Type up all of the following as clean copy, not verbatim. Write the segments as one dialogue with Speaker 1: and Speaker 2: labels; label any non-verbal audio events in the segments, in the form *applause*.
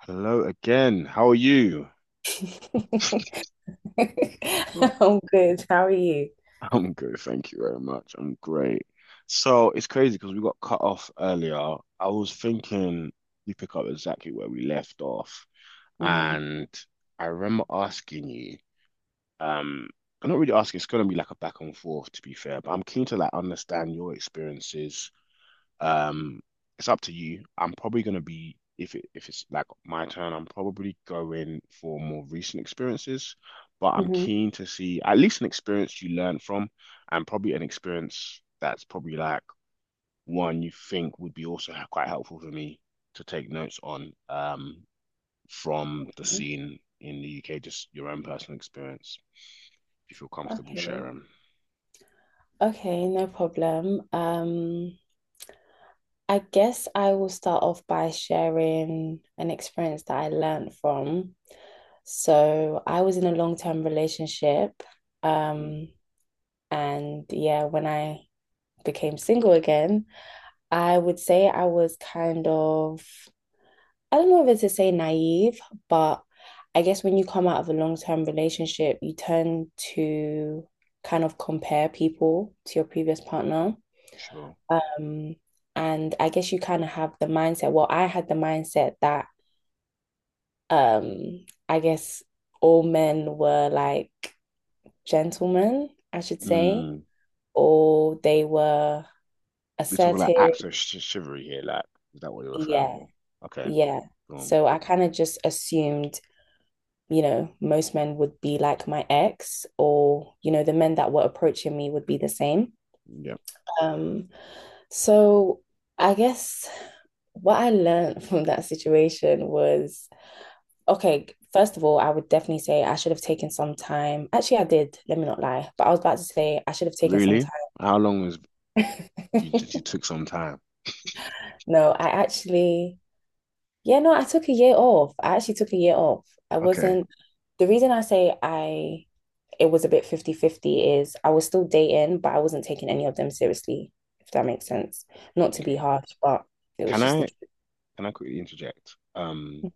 Speaker 1: Hello again. How are you?
Speaker 2: *laughs* I'm
Speaker 1: Right.
Speaker 2: good. How are you?
Speaker 1: *laughs* I'm good, thank you very much. I'm great. So it's crazy because we got cut off earlier. I was thinking we pick up exactly where we left off,
Speaker 2: hmm
Speaker 1: and I remember asking you. Um, I'm not really asking. It's gonna be like a back and forth, to be fair. But I'm keen to like understand your experiences Um, it's up to you. I'm probably gonna be if it's like my turn, I'm probably going for more recent experiences, but I'm
Speaker 2: hmm
Speaker 1: keen to see at least an experience you learn from, and probably an experience that's probably like one you think would be also quite helpful for me to take notes on from the scene in the UK, just your own personal experience, if you feel comfortable
Speaker 2: Okay.
Speaker 1: sharing.
Speaker 2: Okay, no problem. I guess I will start off by sharing an experience that I learned from. So I was in a long-term relationship.
Speaker 1: Mm,
Speaker 2: Um, and yeah, when I became single again, I would say I was kind of— I don't know if it's to say naive, but I guess when you come out of a long-term relationship, you tend to kind of compare people to your previous partner.
Speaker 1: sure.
Speaker 2: Um, and I guess you kind of have the mindset. Well, I had the mindset that I guess all men were like gentlemen, I should say,
Speaker 1: Mm.
Speaker 2: or they were
Speaker 1: We're talking like
Speaker 2: assertive.
Speaker 1: acts of sh chivalry here. Like, is that what you're referring
Speaker 2: Yeah,
Speaker 1: for? Okay.
Speaker 2: yeah.
Speaker 1: Um,
Speaker 2: So I kind of just assumed, you know, most men would be like my ex, or, you know, the men that were approaching me would be the same.
Speaker 1: yeah.
Speaker 2: Um, so I guess what I learned *laughs* from that situation was, okay, first of all, I would definitely say I should have taken some time. Actually, I did, let me not lie, but I was about to say I should have taken some
Speaker 1: Really?
Speaker 2: time.
Speaker 1: How long was you took some time?
Speaker 2: *laughs* No, I actually— yeah, no, I took a year off. I actually took a year off. I
Speaker 1: Okay.
Speaker 2: wasn't— the reason I say I it was a bit 50 50. Is I was still dating, but I wasn't taking any of them seriously, if that makes sense. Not to be
Speaker 1: Okay.
Speaker 2: harsh, but it was
Speaker 1: Can
Speaker 2: just the
Speaker 1: I
Speaker 2: truth.
Speaker 1: can I quickly interject?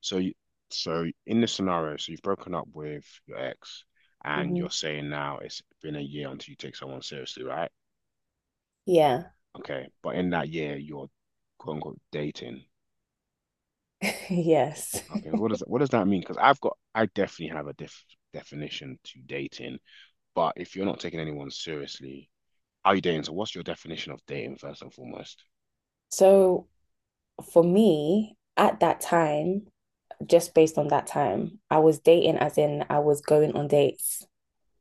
Speaker 1: so you, so in this scenario, so you've broken up with your ex and
Speaker 2: Mhm.
Speaker 1: you're saying now it's been a year until you take someone seriously, right?
Speaker 2: Yeah,
Speaker 1: Okay. But in that year, you're quote unquote dating.
Speaker 2: *laughs* yes.
Speaker 1: Okay. What does that mean? Because I definitely have a diff definition to dating. But if you're not taking anyone seriously, how are you dating? So what's your definition of dating first and foremost?
Speaker 2: So for me, at that time, just based on that time, I was dating as in I was going on dates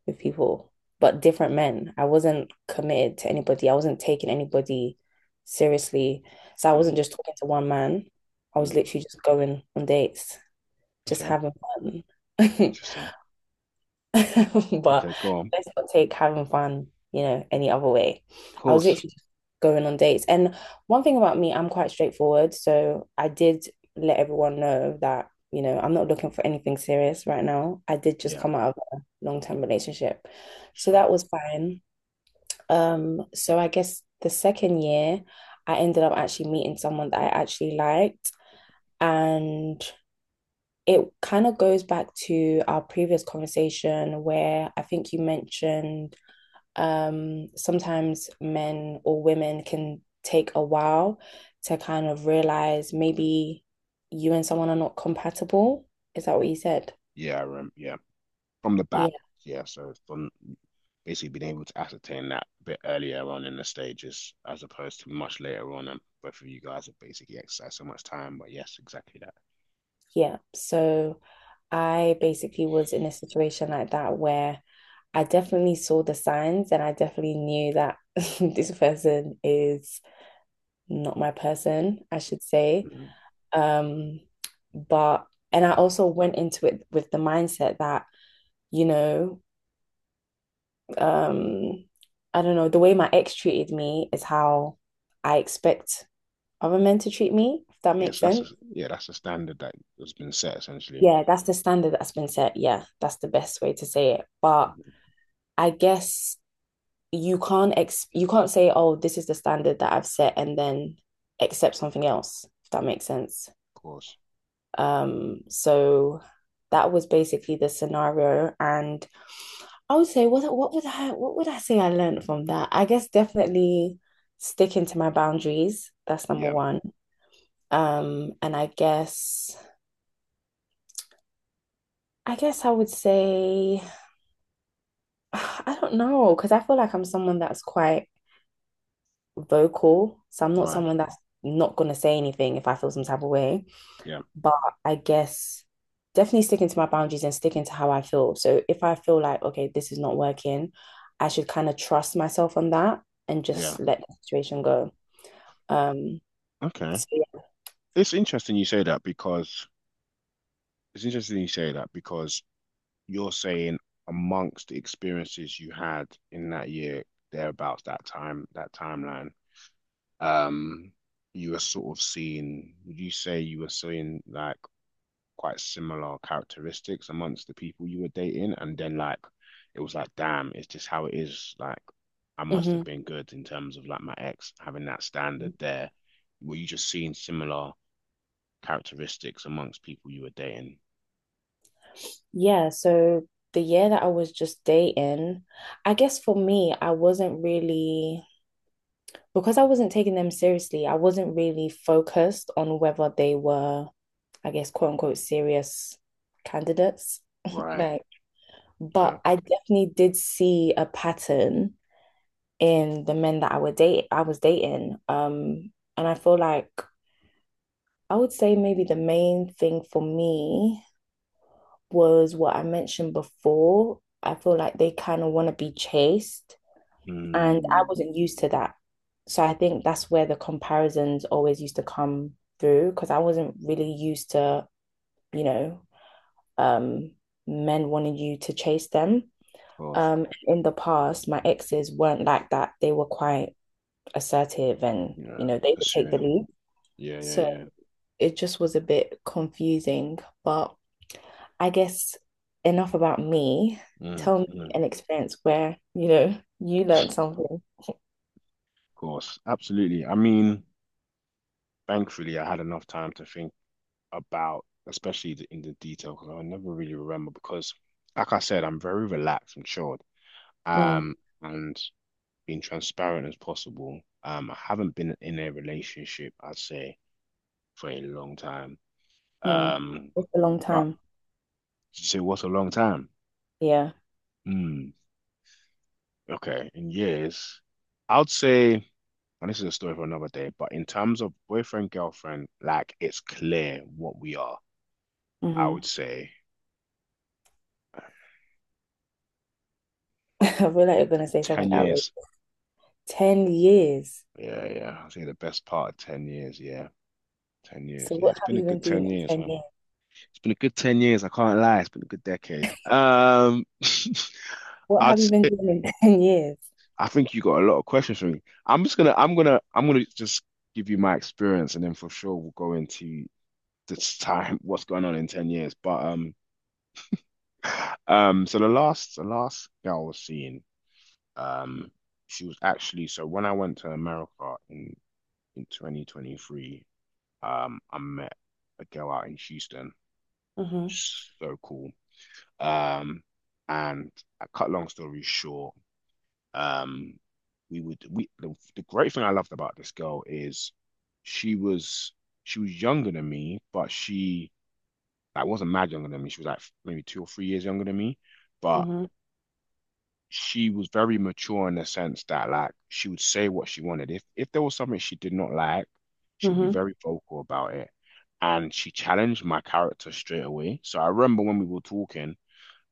Speaker 2: with people, but different men. I wasn't committed to anybody. I wasn't taking anybody seriously. So I wasn't
Speaker 1: Mm,
Speaker 2: just talking to one man. I was
Speaker 1: mm,
Speaker 2: literally just going on dates. Just
Speaker 1: okay,
Speaker 2: having fun. *laughs*
Speaker 1: interesting.
Speaker 2: But
Speaker 1: Okay, go on.
Speaker 2: let's not take having fun, you know, any other way.
Speaker 1: Of
Speaker 2: I was
Speaker 1: course.
Speaker 2: literally just going on dates. And one thing about me, I'm quite straightforward. So I did let everyone know that, you know, I'm not looking for anything serious right now. I did just
Speaker 1: Yeah,
Speaker 2: come out of a long-term relationship. So
Speaker 1: sure.
Speaker 2: that was fine. So I guess the second year, I ended up actually meeting someone that I actually liked. And it kind of goes back to our previous conversation where I think you mentioned sometimes men or women can take a while to kind of realize maybe you and someone are not compatible. Is that what you said?
Speaker 1: Yeah, yeah. From the back.
Speaker 2: Yeah,
Speaker 1: Yeah, so from basically being able to ascertain that a bit earlier on in the stages as opposed to much later on. And both of you guys have basically exercised so much time, but yes, exactly that.
Speaker 2: yeah. So I basically was in a situation like that where I definitely saw the signs and I definitely knew that *laughs* this person is not my person, I should say.
Speaker 1: Mhm.
Speaker 2: Um, but and I also went into it with the mindset that, you know, um, I don't know, the way my ex treated me is how I expect other men to treat me, if that
Speaker 1: Yeah,
Speaker 2: makes
Speaker 1: so
Speaker 2: sense.
Speaker 1: yeah, that's a standard that has been set essentially.
Speaker 2: Yeah, that's the standard that's been set. Yeah, that's the best way to say it. But
Speaker 1: Mhm.
Speaker 2: I guess you can't ex— you can't say, oh, this is the standard that I've set and then accept something else, if that makes sense.
Speaker 1: Of course.
Speaker 2: So that was basically the scenario, and I would say what would I say I learned from that? I guess definitely sticking to my boundaries. That's number
Speaker 1: Yeah,
Speaker 2: one. And I guess— I would say *sighs* I don't know, because I feel like I'm someone that's quite vocal, so I'm not
Speaker 1: right.
Speaker 2: someone that's not gonna say anything if I feel some type of way.
Speaker 1: Yeah,
Speaker 2: But I guess definitely sticking to my boundaries and sticking to how I feel. So if I feel like, okay, this is not working, I should kind of trust myself on that and
Speaker 1: yeah.
Speaker 2: just let the situation go. Um,
Speaker 1: Okay.
Speaker 2: so
Speaker 1: It's interesting you say that because it's interesting you say that because you're saying amongst the experiences you had in that year, thereabouts that time, that timeline, um, you were sort of seeing, would you say you were seeing like quite similar characteristics amongst the people you were dating? And then like it was like, damn, it's just how it is. Like I must
Speaker 2: Mhm.
Speaker 1: have been good in terms of like my ex having that standard there. Were you just seeing similar characteristics amongst people you were dating?
Speaker 2: Yeah, so the year that I was just dating, I guess for me, I wasn't really— because I wasn't taking them seriously, I wasn't really focused on whether they were, I guess, quote unquote, serious candidates. *laughs*
Speaker 1: Right.
Speaker 2: Like,
Speaker 1: Okay.
Speaker 2: but I definitely did see a pattern in the men that I was dating. And I feel like I would say maybe the main thing for me was what I mentioned before. I feel like they kind of want to be chased, and I
Speaker 1: Mm,
Speaker 2: wasn't used to that. So I think that's where the comparisons always used to come through, because I wasn't really used to, you know, um, men wanting you to chase them.
Speaker 1: of course.
Speaker 2: In the past, my exes weren't like that. They were quite assertive and, you
Speaker 1: Yeah.
Speaker 2: know, they would take the
Speaker 1: Pursuing.
Speaker 2: lead.
Speaker 1: Yeah. Yeah.
Speaker 2: So
Speaker 1: Yeah.
Speaker 2: it just was a bit confusing, but I guess enough about me.
Speaker 1: Mm,
Speaker 2: Tell me
Speaker 1: mm.
Speaker 2: an experience where, you know, you
Speaker 1: Of
Speaker 2: learned something.
Speaker 1: course. Absolutely. I mean, thankfully, I had enough time to think about, especially in the detail, because I never really remember. Because, like I said, I'm very relaxed and chilled.
Speaker 2: Mm,
Speaker 1: Um, and being transparent as possible. I haven't been in a relationship, I'd say, for a long time.
Speaker 2: mm.
Speaker 1: Um,
Speaker 2: It's a long
Speaker 1: but
Speaker 2: time.
Speaker 1: so what's a long time?
Speaker 2: Yeah.
Speaker 1: Hmm. Okay, in years, I would say, and this is a story for another day, but in terms of boyfriend, girlfriend, like it's clear what we are. I
Speaker 2: hmm
Speaker 1: would say
Speaker 2: *laughs* I feel like you're gonna say
Speaker 1: 10
Speaker 2: something outrageous.
Speaker 1: years.
Speaker 2: 10 years.
Speaker 1: Yeah, yeah. I'd say the best part of 10 years. Yeah, 10 years.
Speaker 2: So
Speaker 1: Yeah,
Speaker 2: what
Speaker 1: it's
Speaker 2: have
Speaker 1: been a
Speaker 2: you been
Speaker 1: good 10
Speaker 2: doing in
Speaker 1: years,
Speaker 2: ten
Speaker 1: man.
Speaker 2: years?
Speaker 1: It's been a good 10 years. I can't lie. It's been a good decade. *laughs*
Speaker 2: What
Speaker 1: I'd
Speaker 2: have you been
Speaker 1: say,
Speaker 2: doing in *laughs* 10 years?
Speaker 1: I think you got a lot of questions for me. I'm just gonna, I'm gonna, I'm gonna just give you my experience and then for sure we'll go into this time *laughs* what's going on in 10 years, but so the last girl I was seeing, um she was actually, so when I went to America in 2023, I met a girl out in Houston,
Speaker 2: hmm
Speaker 1: so cool. um and I, cut long story short, um we would we the great thing I loved about this girl is she was she was younger than me, but she like wasn't mad younger than me. She was like maybe two or three years younger than me, but
Speaker 2: hmm
Speaker 1: she was very mature in the sense that like she would say what she wanted. If there was something she did not like, she would be
Speaker 2: hmm
Speaker 1: very vocal about it. And she challenged my character straight away. So I remember when we were talking,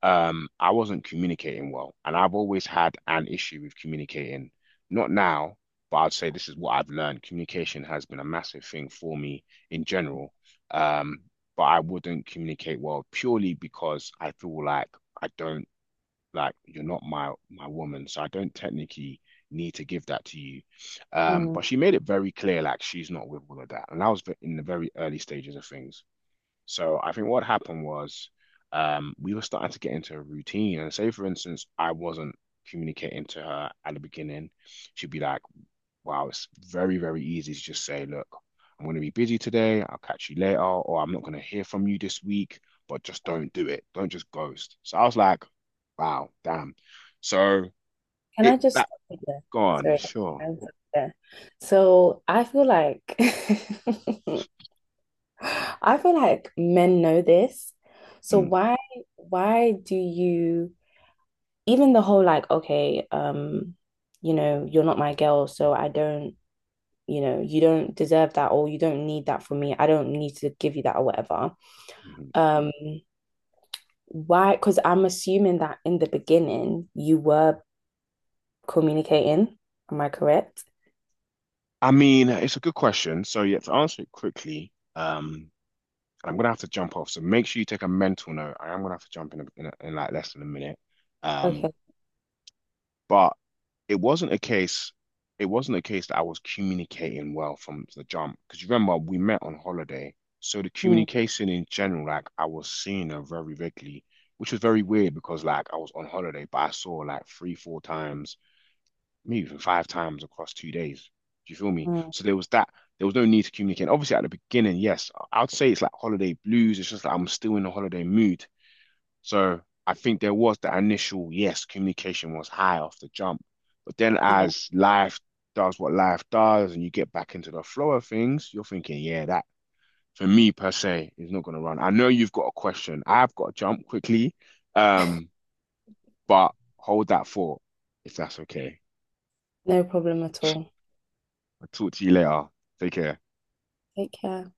Speaker 1: I wasn't communicating well, and I've always had an issue with communicating. Not now, but I'd say this is what I've learned. Communication has been a massive thing for me in general. Um, but I wouldn't communicate well purely because I feel like I don't like you're not my woman, so I don't technically need to give that to you.
Speaker 2: Mm.
Speaker 1: But she made it very clear like she's not with all of that, and I was in the very early stages of things. So I think what happened was, we were starting to get into a routine. And say, for instance, I wasn't communicating to her at the beginning. She'd be like, wow, it's very, very easy to just say, look, I'm going to be busy today. I'll catch you later. Or I'm not going to hear from you this week, but just don't do it. Don't just ghost. So I was like, wow, damn. So
Speaker 2: Can I
Speaker 1: it
Speaker 2: just
Speaker 1: that
Speaker 2: stop you there?
Speaker 1: gone,
Speaker 2: Sorry.
Speaker 1: sure.
Speaker 2: Can I stop you there? So I feel like *laughs* I feel like men know this. So
Speaker 1: Mm,
Speaker 2: why— why do you even the whole like, okay, you know, you're not my girl, so I don't— you know, you don't deserve that or you don't need that from me. I don't need to give you that or whatever.
Speaker 1: mhm.
Speaker 2: Um why because I'm assuming that in the beginning you were communicating, am I correct?
Speaker 1: I mean, it's a good question. So yeah, to answer it quickly, and I'm gonna have to jump off. So make sure you take a mental note. I am gonna have to jump in like less than a minute. Um,
Speaker 2: Okay.
Speaker 1: but it wasn't a case. It wasn't a case that I was communicating well from the jump, because remember we met on holiday, so the
Speaker 2: Mm,
Speaker 1: communication in general, like I was seeing her very regularly, which was very weird because like I was on holiday, but I saw like three, four times, maybe even five times across two days. Do you feel me?
Speaker 2: mm.
Speaker 1: So there was that. There was no need to communicate. And obviously, at the beginning, yes, I'd say it's like holiday blues. It's just like I'm still in a holiday mood. So I think there was the initial, yes, communication was high off the jump. But then as life does what life does and you get back into the flow of things, you're thinking, yeah, that for me per se is not going to run. I know you've got a question. I've got to jump quickly, um, but hold that thought if that's okay.
Speaker 2: No problem at all.
Speaker 1: I'll talk to you later. Take care.
Speaker 2: Take care.